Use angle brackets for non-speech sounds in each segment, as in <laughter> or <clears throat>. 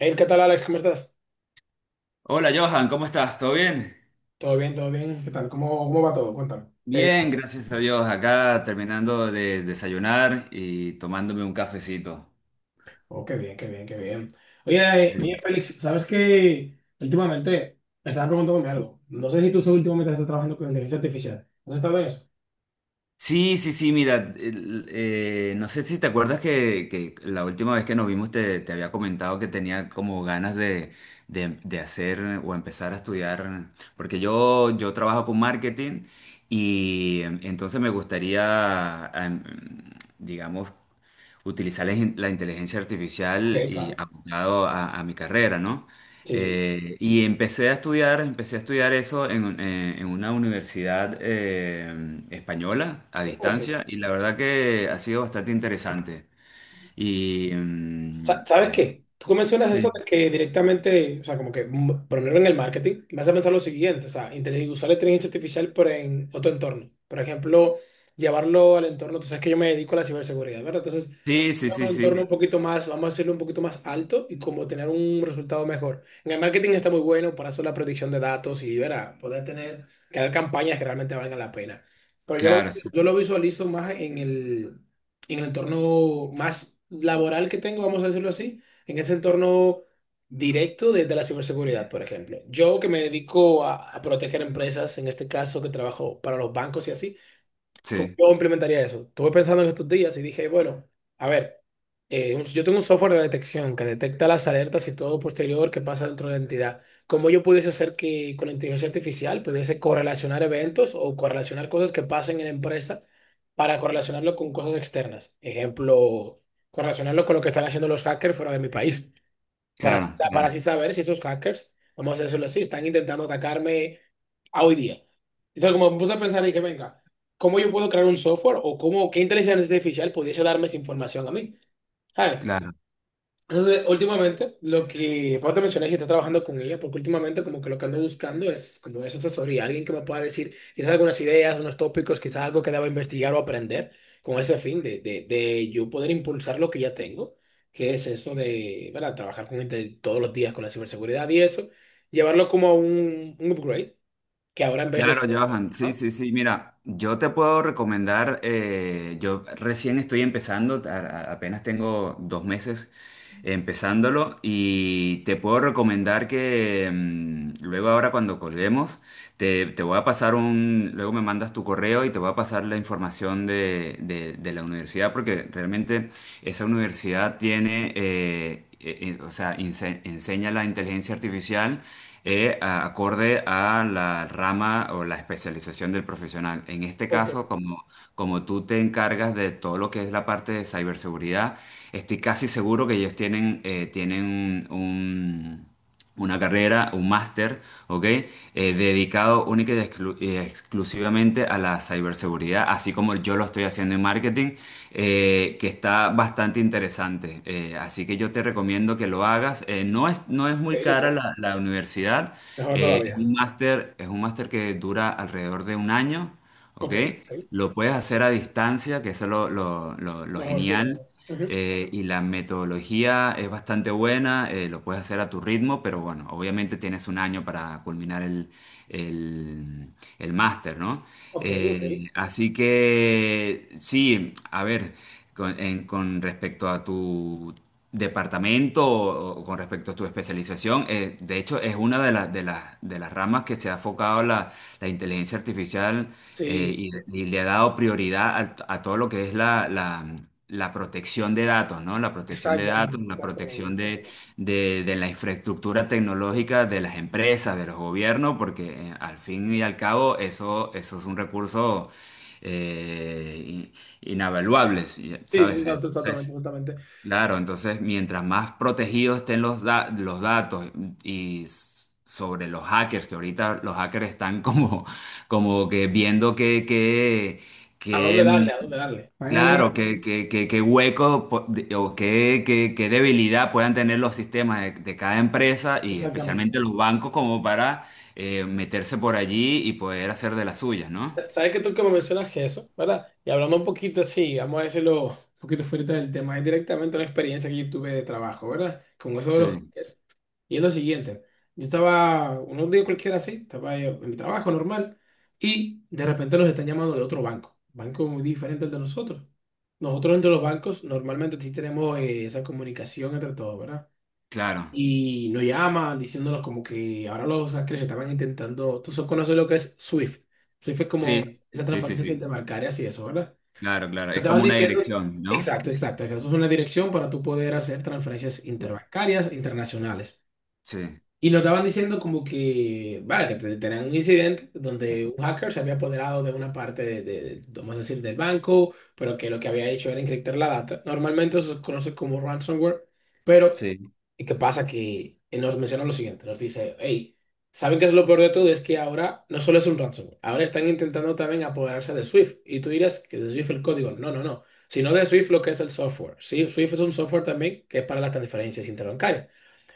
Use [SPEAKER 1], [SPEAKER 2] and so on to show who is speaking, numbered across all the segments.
[SPEAKER 1] Hey, ¿qué tal, Alex? ¿Cómo estás?
[SPEAKER 2] Hola Johan, ¿cómo estás? ¿Todo bien?
[SPEAKER 1] ¿Todo bien? ¿Todo bien? ¿Qué tal? ¿Cómo va todo? Cuéntame.
[SPEAKER 2] Bien, gracias a Dios. Acá terminando de desayunar y tomándome un cafecito.
[SPEAKER 1] Oh, qué bien, qué bien, qué bien. Oye, Félix, ¿sabes qué? Últimamente me estaba preguntándome algo. No sé si tú últimamente estás trabajando con inteligencia artificial. ¿Has estado en eso?
[SPEAKER 2] Sí, sí, sí, mira, no sé si te acuerdas que la última vez que nos vimos te había comentado que tenía como ganas de hacer o empezar a estudiar, porque yo trabajo con marketing y entonces me gustaría, digamos, utilizar la inteligencia
[SPEAKER 1] Ok,
[SPEAKER 2] artificial y
[SPEAKER 1] claro.
[SPEAKER 2] aplicado a mi carrera, ¿no?
[SPEAKER 1] Sí, sí.
[SPEAKER 2] Y empecé a estudiar eso en, en una universidad española a
[SPEAKER 1] Oh, ok.
[SPEAKER 2] distancia y la verdad que ha sido bastante interesante. Y
[SPEAKER 1] ¿Sabes qué? Tú mencionas eso
[SPEAKER 2] sí,
[SPEAKER 1] de que directamente, o sea, como que ponerlo en el marketing. Vas a pensar lo siguiente, o sea, usar la inteligencia artificial pero en otro entorno. Por ejemplo, llevarlo al entorno. Tú sabes que yo me dedico a la ciberseguridad, ¿verdad? Entonces,
[SPEAKER 2] sí, sí,
[SPEAKER 1] un
[SPEAKER 2] sí,
[SPEAKER 1] entorno un
[SPEAKER 2] sí,
[SPEAKER 1] poquito más, vamos a hacerlo un poquito más alto y como tener un resultado mejor. En el marketing está muy bueno para hacer la predicción de datos y verá, poder tener, crear campañas que realmente valgan la pena. Pero yo lo,
[SPEAKER 2] claro,
[SPEAKER 1] yo lo visualizo más en el entorno más laboral que tengo, vamos a decirlo así, en ese entorno directo desde la ciberseguridad, por ejemplo. Yo que me dedico a proteger empresas, en este caso que trabajo para los bancos y así. ¿Cómo
[SPEAKER 2] sí,
[SPEAKER 1] yo implementaría eso? Estuve pensando en estos días y dije, bueno, a ver, yo tengo un software de detección que detecta las alertas y todo posterior que pasa dentro de la entidad. ¿Cómo yo pudiese hacer que con la inteligencia artificial pudiese correlacionar eventos o correlacionar cosas que pasen en la empresa para correlacionarlo con cosas externas? Ejemplo, correlacionarlo con lo que están haciendo los hackers fuera de mi país para,
[SPEAKER 2] claro,
[SPEAKER 1] para
[SPEAKER 2] claro,
[SPEAKER 1] así saber si esos hackers, vamos a decirlo así, están intentando atacarme a hoy día. Entonces, como me puse a pensar, dije, venga, ¿cómo yo puedo crear un software o cómo, qué inteligencia artificial pudiese darme esa información a mí? ¿Sabes?
[SPEAKER 2] claro.
[SPEAKER 1] Entonces, últimamente, lo que vos te mencioné que estás trabajando con ella, porque últimamente como que lo que ando buscando es como esa asesoría, alguien que me pueda decir quizás algunas ideas, unos tópicos, quizás algo que deba investigar o aprender con ese fin de yo poder impulsar lo que ya tengo, que es eso de, ¿verdad? Trabajar con gente todos los días con la ciberseguridad y eso, llevarlo como a un upgrade, que ahora en vez de...
[SPEAKER 2] Claro, Johan, sí,
[SPEAKER 1] Ajá.
[SPEAKER 2] sí, sí. Mira, yo te puedo recomendar, yo recién estoy empezando, apenas tengo 2 meses empezándolo y te puedo recomendar que luego ahora cuando colguemos te, te voy a pasar un, luego me mandas tu correo y te voy a pasar la información de la universidad porque realmente esa universidad tiene, o sea, enseña la inteligencia artificial acorde a la rama o la especialización del profesional. En este
[SPEAKER 1] Ok,
[SPEAKER 2] caso, como, como tú te encargas de todo lo que es la parte de ciberseguridad, estoy casi seguro que ellos tienen, tienen un una carrera, un máster, ¿ok? Dedicado única y exclusivamente a la ciberseguridad, así como yo lo estoy haciendo en marketing, que está bastante interesante. Así que yo te recomiendo que lo hagas. No es muy
[SPEAKER 1] ok,
[SPEAKER 2] cara
[SPEAKER 1] ok.
[SPEAKER 2] la universidad.
[SPEAKER 1] Mejor
[SPEAKER 2] Es
[SPEAKER 1] todavía.
[SPEAKER 2] un máster, es un máster que dura alrededor de 1 año, ¿ok?
[SPEAKER 1] Ok, ok.
[SPEAKER 2] Lo puedes hacer a distancia, que eso es lo
[SPEAKER 1] Mejor sí, la
[SPEAKER 2] genial
[SPEAKER 1] verdad. Ujú.
[SPEAKER 2] y la metodología es bastante buena, lo puedes hacer a tu ritmo, pero bueno, obviamente tienes 1 año para culminar el, el máster, ¿no?
[SPEAKER 1] Ok, ok.
[SPEAKER 2] Así que sí, a ver, con respecto a tu departamento o con respecto a tu especialización, de hecho es una las de las ramas que se ha enfocado la inteligencia artificial
[SPEAKER 1] Sí.
[SPEAKER 2] y le ha dado prioridad a todo lo que es la protección de datos, ¿no? La protección de datos,
[SPEAKER 1] Exactamente,
[SPEAKER 2] la
[SPEAKER 1] exactamente,
[SPEAKER 2] protección
[SPEAKER 1] exactamente.
[SPEAKER 2] de la infraestructura tecnológica de las empresas, de los gobiernos, porque al fin y al cabo eso, eso es un recurso eh, in- inavaluable,
[SPEAKER 1] Sí,
[SPEAKER 2] ¿sabes?
[SPEAKER 1] exacto, exactamente,
[SPEAKER 2] Entonces,
[SPEAKER 1] exactamente.
[SPEAKER 2] claro, entonces mientras más protegidos estén los datos y sobre los hackers, que ahorita los hackers están como, como que viendo que
[SPEAKER 1] ¿A dónde darle? ¿A dónde darle?
[SPEAKER 2] claro, qué hueco po- de- o qué debilidad puedan tener los sistemas de cada empresa y
[SPEAKER 1] Exactamente.
[SPEAKER 2] especialmente los bancos como para meterse por allí y poder hacer de las suyas, ¿no?
[SPEAKER 1] Sabes que tú que me mencionas que eso, ¿verdad? Y hablando un poquito así, vamos a decirlo un poquito fuera del tema, es directamente una experiencia que yo tuve de trabajo, ¿verdad? Con eso de los
[SPEAKER 2] Sí,
[SPEAKER 1] hackers. Y es lo siguiente, yo estaba unos días cualquiera así, estaba ahí en el trabajo normal y de repente nos están llamando de otro banco, banco muy diferente al de nosotros. Nosotros entre los bancos normalmente sí tenemos esa comunicación entre todos, ¿verdad?
[SPEAKER 2] claro.
[SPEAKER 1] Y lo llama diciéndonos como que ahora los hackers estaban intentando, tú solo conoces lo que es Swift. Swift es como
[SPEAKER 2] Sí,
[SPEAKER 1] esa
[SPEAKER 2] sí, sí,
[SPEAKER 1] transferencia
[SPEAKER 2] sí.
[SPEAKER 1] interbancaria y eso, ¿verdad?
[SPEAKER 2] Claro, claro.
[SPEAKER 1] Te
[SPEAKER 2] Es
[SPEAKER 1] estaban
[SPEAKER 2] como una
[SPEAKER 1] diciendo,
[SPEAKER 2] dirección, ¿no?
[SPEAKER 1] exacto, exacto, que eso es una dirección para tú poder hacer transferencias interbancarias internacionales.
[SPEAKER 2] Sí,
[SPEAKER 1] Y nos estaban diciendo como que, vale, que tenían un incidente donde un hacker se había apoderado de una parte vamos a decir, del banco, pero que lo que había hecho era encriptar la data. Normalmente eso se conoce como ransomware, pero
[SPEAKER 2] sí,
[SPEAKER 1] ¿y ¿qué pasa? Que nos menciona lo siguiente, nos dice, hey, ¿saben qué es lo peor de todo? Es que ahora no solo es un ransomware, ahora están intentando también apoderarse de Swift. Y tú dirás que de Swift el código, no, no, no, sino de Swift lo que es el software. Sí, Swift es un software también que es para las transferencias interbancarias.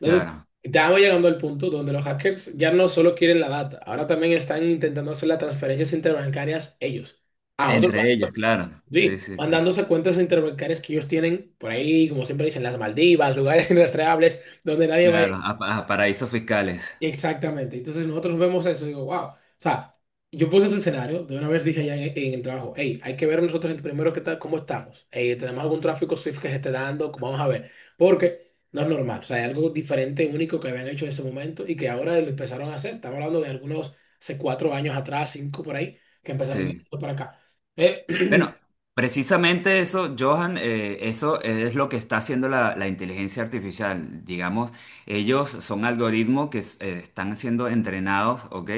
[SPEAKER 1] Entonces,
[SPEAKER 2] claro.
[SPEAKER 1] estamos llegando al punto donde los hackers ya no solo quieren la data, ahora también están intentando hacer las transferencias interbancarias ellos, a otros
[SPEAKER 2] Entre
[SPEAKER 1] bancos,
[SPEAKER 2] ellos, claro. Sí,
[SPEAKER 1] sí,
[SPEAKER 2] sí, sí.
[SPEAKER 1] mandándose cuentas interbancarias que ellos tienen por ahí, como siempre dicen, las Maldivas, lugares <laughs> inrastreables donde nadie va a
[SPEAKER 2] Claro, a paraísos fiscales.
[SPEAKER 1] exactamente. Entonces nosotros vemos eso y digo, wow. O sea, yo puse ese escenario, de una vez dije allá en el trabajo, hey, hay que ver nosotros primero qué tal, cómo estamos. Hey, tenemos algún tráfico Swift que se esté dando, vamos a ver. Porque no es normal. O sea, hay algo diferente, único que habían hecho en ese momento y que ahora lo empezaron a hacer. Estamos hablando de algunos, hace 4 años atrás, cinco por ahí, que empezaron de
[SPEAKER 2] Sí.
[SPEAKER 1] esto para acá. Eh,
[SPEAKER 2] Bueno, precisamente eso, Johan, eso es lo que está haciendo la inteligencia artificial. Digamos, ellos son algoritmos que están siendo entrenados, ¿ok?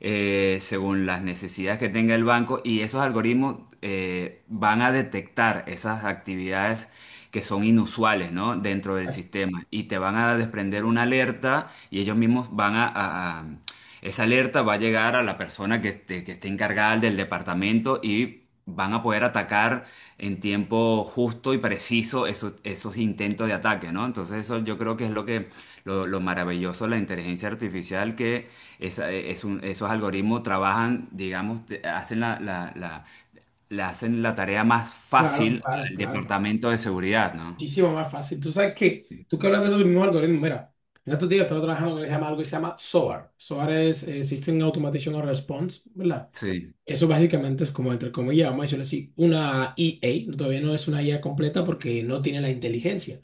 [SPEAKER 2] Según las necesidades que tenga el banco y esos algoritmos van a detectar esas actividades que son inusuales, ¿no? Dentro del
[SPEAKER 1] <clears throat>
[SPEAKER 2] sistema y te van a desprender una alerta y ellos mismos van esa alerta va a llegar a la persona que esté encargada del departamento y van a poder atacar en tiempo justo y preciso esos, esos intentos de ataque, ¿no? Entonces eso yo creo que es lo que lo maravilloso de la inteligencia artificial, que esos algoritmos trabajan, digamos, hacen le hacen la tarea más
[SPEAKER 1] claro,
[SPEAKER 2] fácil
[SPEAKER 1] claro,
[SPEAKER 2] al
[SPEAKER 1] claro.
[SPEAKER 2] departamento de seguridad, ¿no?
[SPEAKER 1] Muchísimo más fácil. Tú sabes que, tú que hablas de esos mismos algoritmos, mira, en estos días estaba trabajando en lo que algo que se llama SOAR. SOAR es System Automation and Response, ¿verdad?
[SPEAKER 2] Sí.
[SPEAKER 1] Eso básicamente es como, entre comillas, vamos a decirlo así, una EA, todavía no es una IA completa porque no tiene la inteligencia.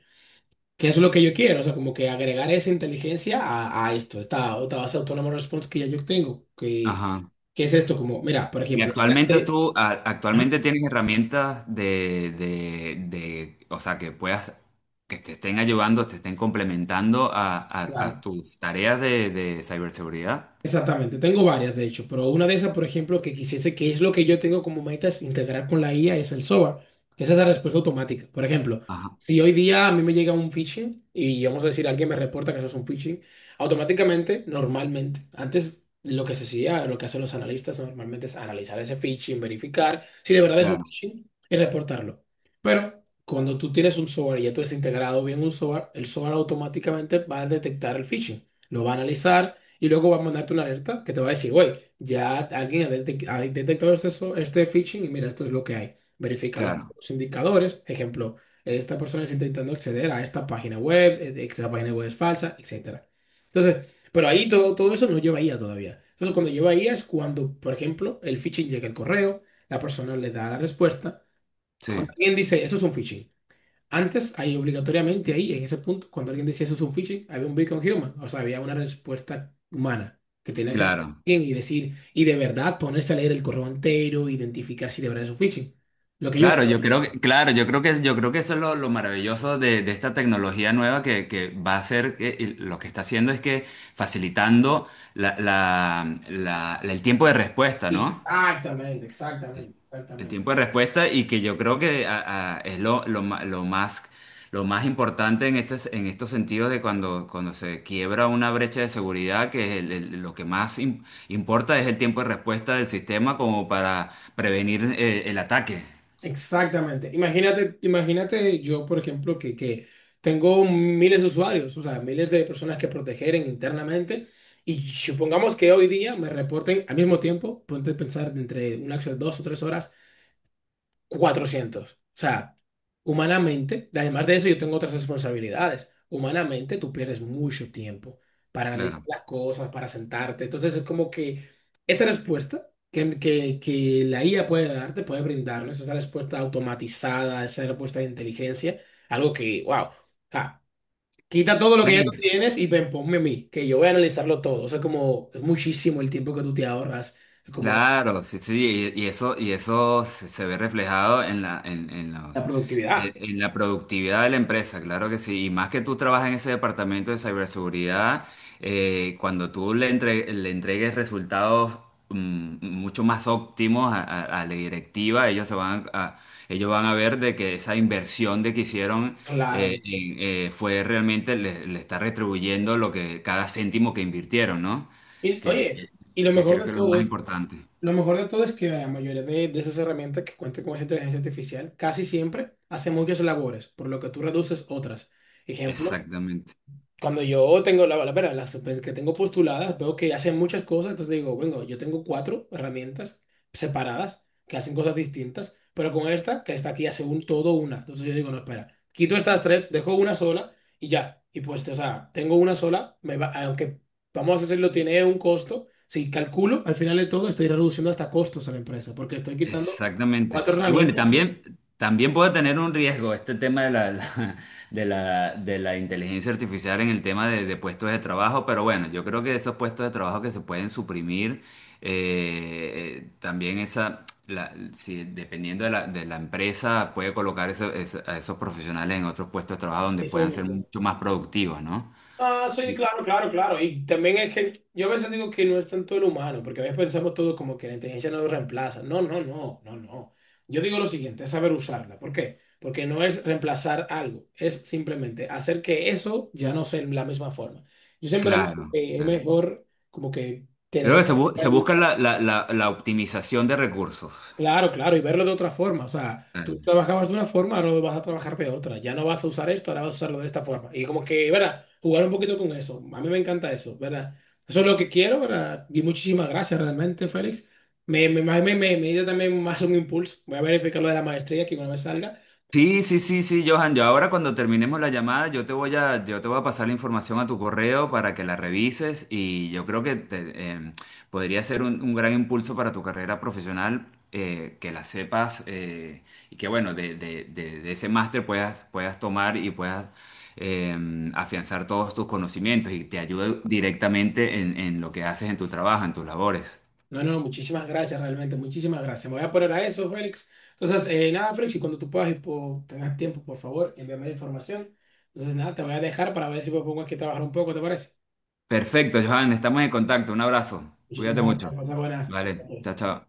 [SPEAKER 1] Que eso es lo que yo quiero, o sea, como que agregar esa inteligencia a esto, esta otra base autónoma de response que ya yo tengo, que,
[SPEAKER 2] Ajá.
[SPEAKER 1] qué es esto, como, mira, por
[SPEAKER 2] Y
[SPEAKER 1] ejemplo, ya
[SPEAKER 2] actualmente
[SPEAKER 1] sé- Ajá.
[SPEAKER 2] actualmente tienes herramientas o sea, que puedas, que te estén ayudando, te estén complementando a
[SPEAKER 1] Claro.
[SPEAKER 2] tus tareas de ciberseguridad.
[SPEAKER 1] Exactamente, tengo varias de hecho, pero una de esas, por ejemplo, que quisiese, que es lo que yo tengo como meta es integrar con la IA, es el SOAR, que es esa respuesta automática. Por ejemplo,
[SPEAKER 2] Ajá,
[SPEAKER 1] si hoy día a mí me llega un phishing y vamos a decir, alguien me reporta que eso es un phishing, automáticamente, normalmente, antes lo que se hacía, lo que hacen los analistas normalmente es analizar ese phishing, verificar si de verdad es un
[SPEAKER 2] claro,
[SPEAKER 1] phishing y reportarlo. Pero cuando tú tienes un SOAR y ya tú has integrado bien un SOAR, el SOAR automáticamente va a detectar el phishing, lo va a analizar y luego va a mandarte una alerta que te va a decir, güey, ya alguien ha, ha detectado este, este phishing y mira, esto es lo que hay. Verifica
[SPEAKER 2] claro,
[SPEAKER 1] los indicadores. Ejemplo, esta persona está intentando acceder a esta página web es falsa, etcétera. Entonces, pero ahí todo, todo eso no lleva IA todavía. Entonces, cuando lleva IA es cuando, por ejemplo, el phishing llega al correo, la persona le da la respuesta. Cuando
[SPEAKER 2] sí,
[SPEAKER 1] alguien dice, eso es un phishing. Antes, ahí obligatoriamente, ahí, en ese punto, cuando alguien decía eso es un phishing, había un beacon human, o sea, había una respuesta humana que tenía que andar
[SPEAKER 2] claro.
[SPEAKER 1] bien y decir, y de verdad ponerse a leer el correo entero, identificar si de verdad es un phishing. Lo que yo...
[SPEAKER 2] Claro, yo creo que, claro, yo creo que eso es lo maravilloso de esta tecnología nueva que va a ser, y lo que está haciendo es que facilitando el tiempo de respuesta, ¿no?
[SPEAKER 1] Exactamente, exactamente,
[SPEAKER 2] El
[SPEAKER 1] exactamente.
[SPEAKER 2] tiempo de respuesta y que yo creo que es lo más importante en, este, en estos sentidos de cuando, cuando se quiebra una brecha de seguridad, que es lo que más importa es el tiempo de respuesta del sistema como para prevenir el ataque.
[SPEAKER 1] Exactamente. Imagínate, imagínate yo, por ejemplo, que tengo miles de usuarios, o sea, miles de personas que proteger internamente. Y supongamos que hoy día me reporten al mismo tiempo, ponte a pensar de entre una, dos o tres horas, 400. O sea, humanamente, además de eso, yo tengo otras responsabilidades. Humanamente, tú pierdes mucho tiempo para analizar
[SPEAKER 2] Claro.
[SPEAKER 1] las cosas, para sentarte. Entonces, es como que esa respuesta que la IA puede darte, puede brindarnos, esa respuesta automatizada, esa respuesta de inteligencia, algo que, wow, quita todo lo que ya tú
[SPEAKER 2] Claro,
[SPEAKER 1] tienes y ven, ponme a mí, que yo voy a analizarlo todo. O sea, como es muchísimo el tiempo que tú te ahorras, como
[SPEAKER 2] claro, sí, sí, y eso se ve reflejado en en los-
[SPEAKER 1] la productividad.
[SPEAKER 2] en la productividad de la empresa, claro que sí. Y más que tú trabajas en ese departamento de ciberseguridad, cuando tú le, le entregues resultados mucho más óptimos a, a la directiva, ellos se van a, ellos van a ver de que esa inversión de que hicieron
[SPEAKER 1] Claro.
[SPEAKER 2] fue realmente le, le está retribuyendo lo que cada céntimo que invirtieron, ¿no?
[SPEAKER 1] Y,
[SPEAKER 2] que
[SPEAKER 1] oye,
[SPEAKER 2] que-
[SPEAKER 1] y lo
[SPEAKER 2] que
[SPEAKER 1] mejor
[SPEAKER 2] creo
[SPEAKER 1] de
[SPEAKER 2] que es lo
[SPEAKER 1] todo
[SPEAKER 2] más
[SPEAKER 1] es,
[SPEAKER 2] importante.
[SPEAKER 1] lo mejor de todo es que la mayoría de esas herramientas que cuentan con esa inteligencia artificial casi siempre hacen muchas labores, por lo que tú reduces otras. Ejemplo,
[SPEAKER 2] Exactamente,
[SPEAKER 1] cuando yo tengo verdad, las pues, que tengo postuladas, veo que hacen muchas cosas, entonces digo, bueno, yo tengo cuatro herramientas separadas que hacen cosas distintas, pero con esta, que está aquí hace un todo una. Entonces yo digo, no, espera, quito estas tres, dejo una sola y ya. Y pues, o sea, tengo una sola, me va, aunque vamos a decirlo, tiene un costo. Si calculo, al final de todo, estoy reduciendo hasta costos a la empresa, porque estoy quitando
[SPEAKER 2] exactamente.
[SPEAKER 1] cuatro
[SPEAKER 2] Y bueno,
[SPEAKER 1] herramientas.
[SPEAKER 2] también, también puede tener un riesgo este tema de <laughs> la- de la, de la inteligencia artificial en el tema de puestos de trabajo, pero bueno, yo creo que esos puestos de trabajo que se pueden suprimir, también esa, la, si, dependiendo de de la empresa, puede colocar a esos profesionales en otros puestos de trabajo donde
[SPEAKER 1] Eso es
[SPEAKER 2] puedan ser mucho más productivos, ¿no?
[SPEAKER 1] ah, sí,
[SPEAKER 2] Y-
[SPEAKER 1] claro, claro, claro. Y también es que yo a veces digo que no es tanto el humano, porque a veces pensamos todo como que la inteligencia nos reemplaza. No, no, no, no, no. Yo digo lo siguiente, es saber usarla. ¿Por qué? Porque no es reemplazar algo, es simplemente hacer que eso ya no sea en la misma forma. Yo siempre digo
[SPEAKER 2] claro,
[SPEAKER 1] que es
[SPEAKER 2] claro.
[SPEAKER 1] mejor como que tener
[SPEAKER 2] Creo que se, se busca
[SPEAKER 1] una
[SPEAKER 2] la optimización de recursos.
[SPEAKER 1] claro, claro, y verlo de otra forma. O sea, tú
[SPEAKER 2] Claro.
[SPEAKER 1] trabajabas de una forma, ahora lo vas a trabajar de otra. Ya no vas a usar esto, ahora vas a usarlo de esta forma. Y como que, ¿verdad? Jugar un poquito con eso. A mí me encanta eso, ¿verdad? Eso es lo que quiero, ¿verdad? Y muchísimas gracias realmente, Félix. Me dio también más un impulso. Voy a verificar lo de la maestría que una vez salga.
[SPEAKER 2] Sí, sí, sí, sí, Johan. Yo ahora cuando terminemos la llamada, yo te voy a, yo te voy a pasar la información a tu correo para que la revises y yo creo que te, podría ser un gran impulso para tu carrera profesional que la sepas y que bueno, de ese máster puedas, puedas tomar y puedas eh, afianzar todos tus conocimientos y te ayude directamente en lo que haces en tu trabajo, en tus labores.
[SPEAKER 1] No, no, muchísimas gracias realmente, muchísimas gracias. Me voy a poner a eso, Félix. Entonces, nada, Félix, y cuando tú puedas y tengas tiempo, por favor, envíame la información. Entonces, nada, te voy a dejar para ver si me pongo aquí a trabajar un poco, ¿te parece?
[SPEAKER 2] Perfecto, Johan. Estamos en contacto. Un abrazo. Cuídate
[SPEAKER 1] Muchísimas gracias,
[SPEAKER 2] mucho.
[SPEAKER 1] pasa buenas.
[SPEAKER 2] Vale,
[SPEAKER 1] Ok.
[SPEAKER 2] chao, chao.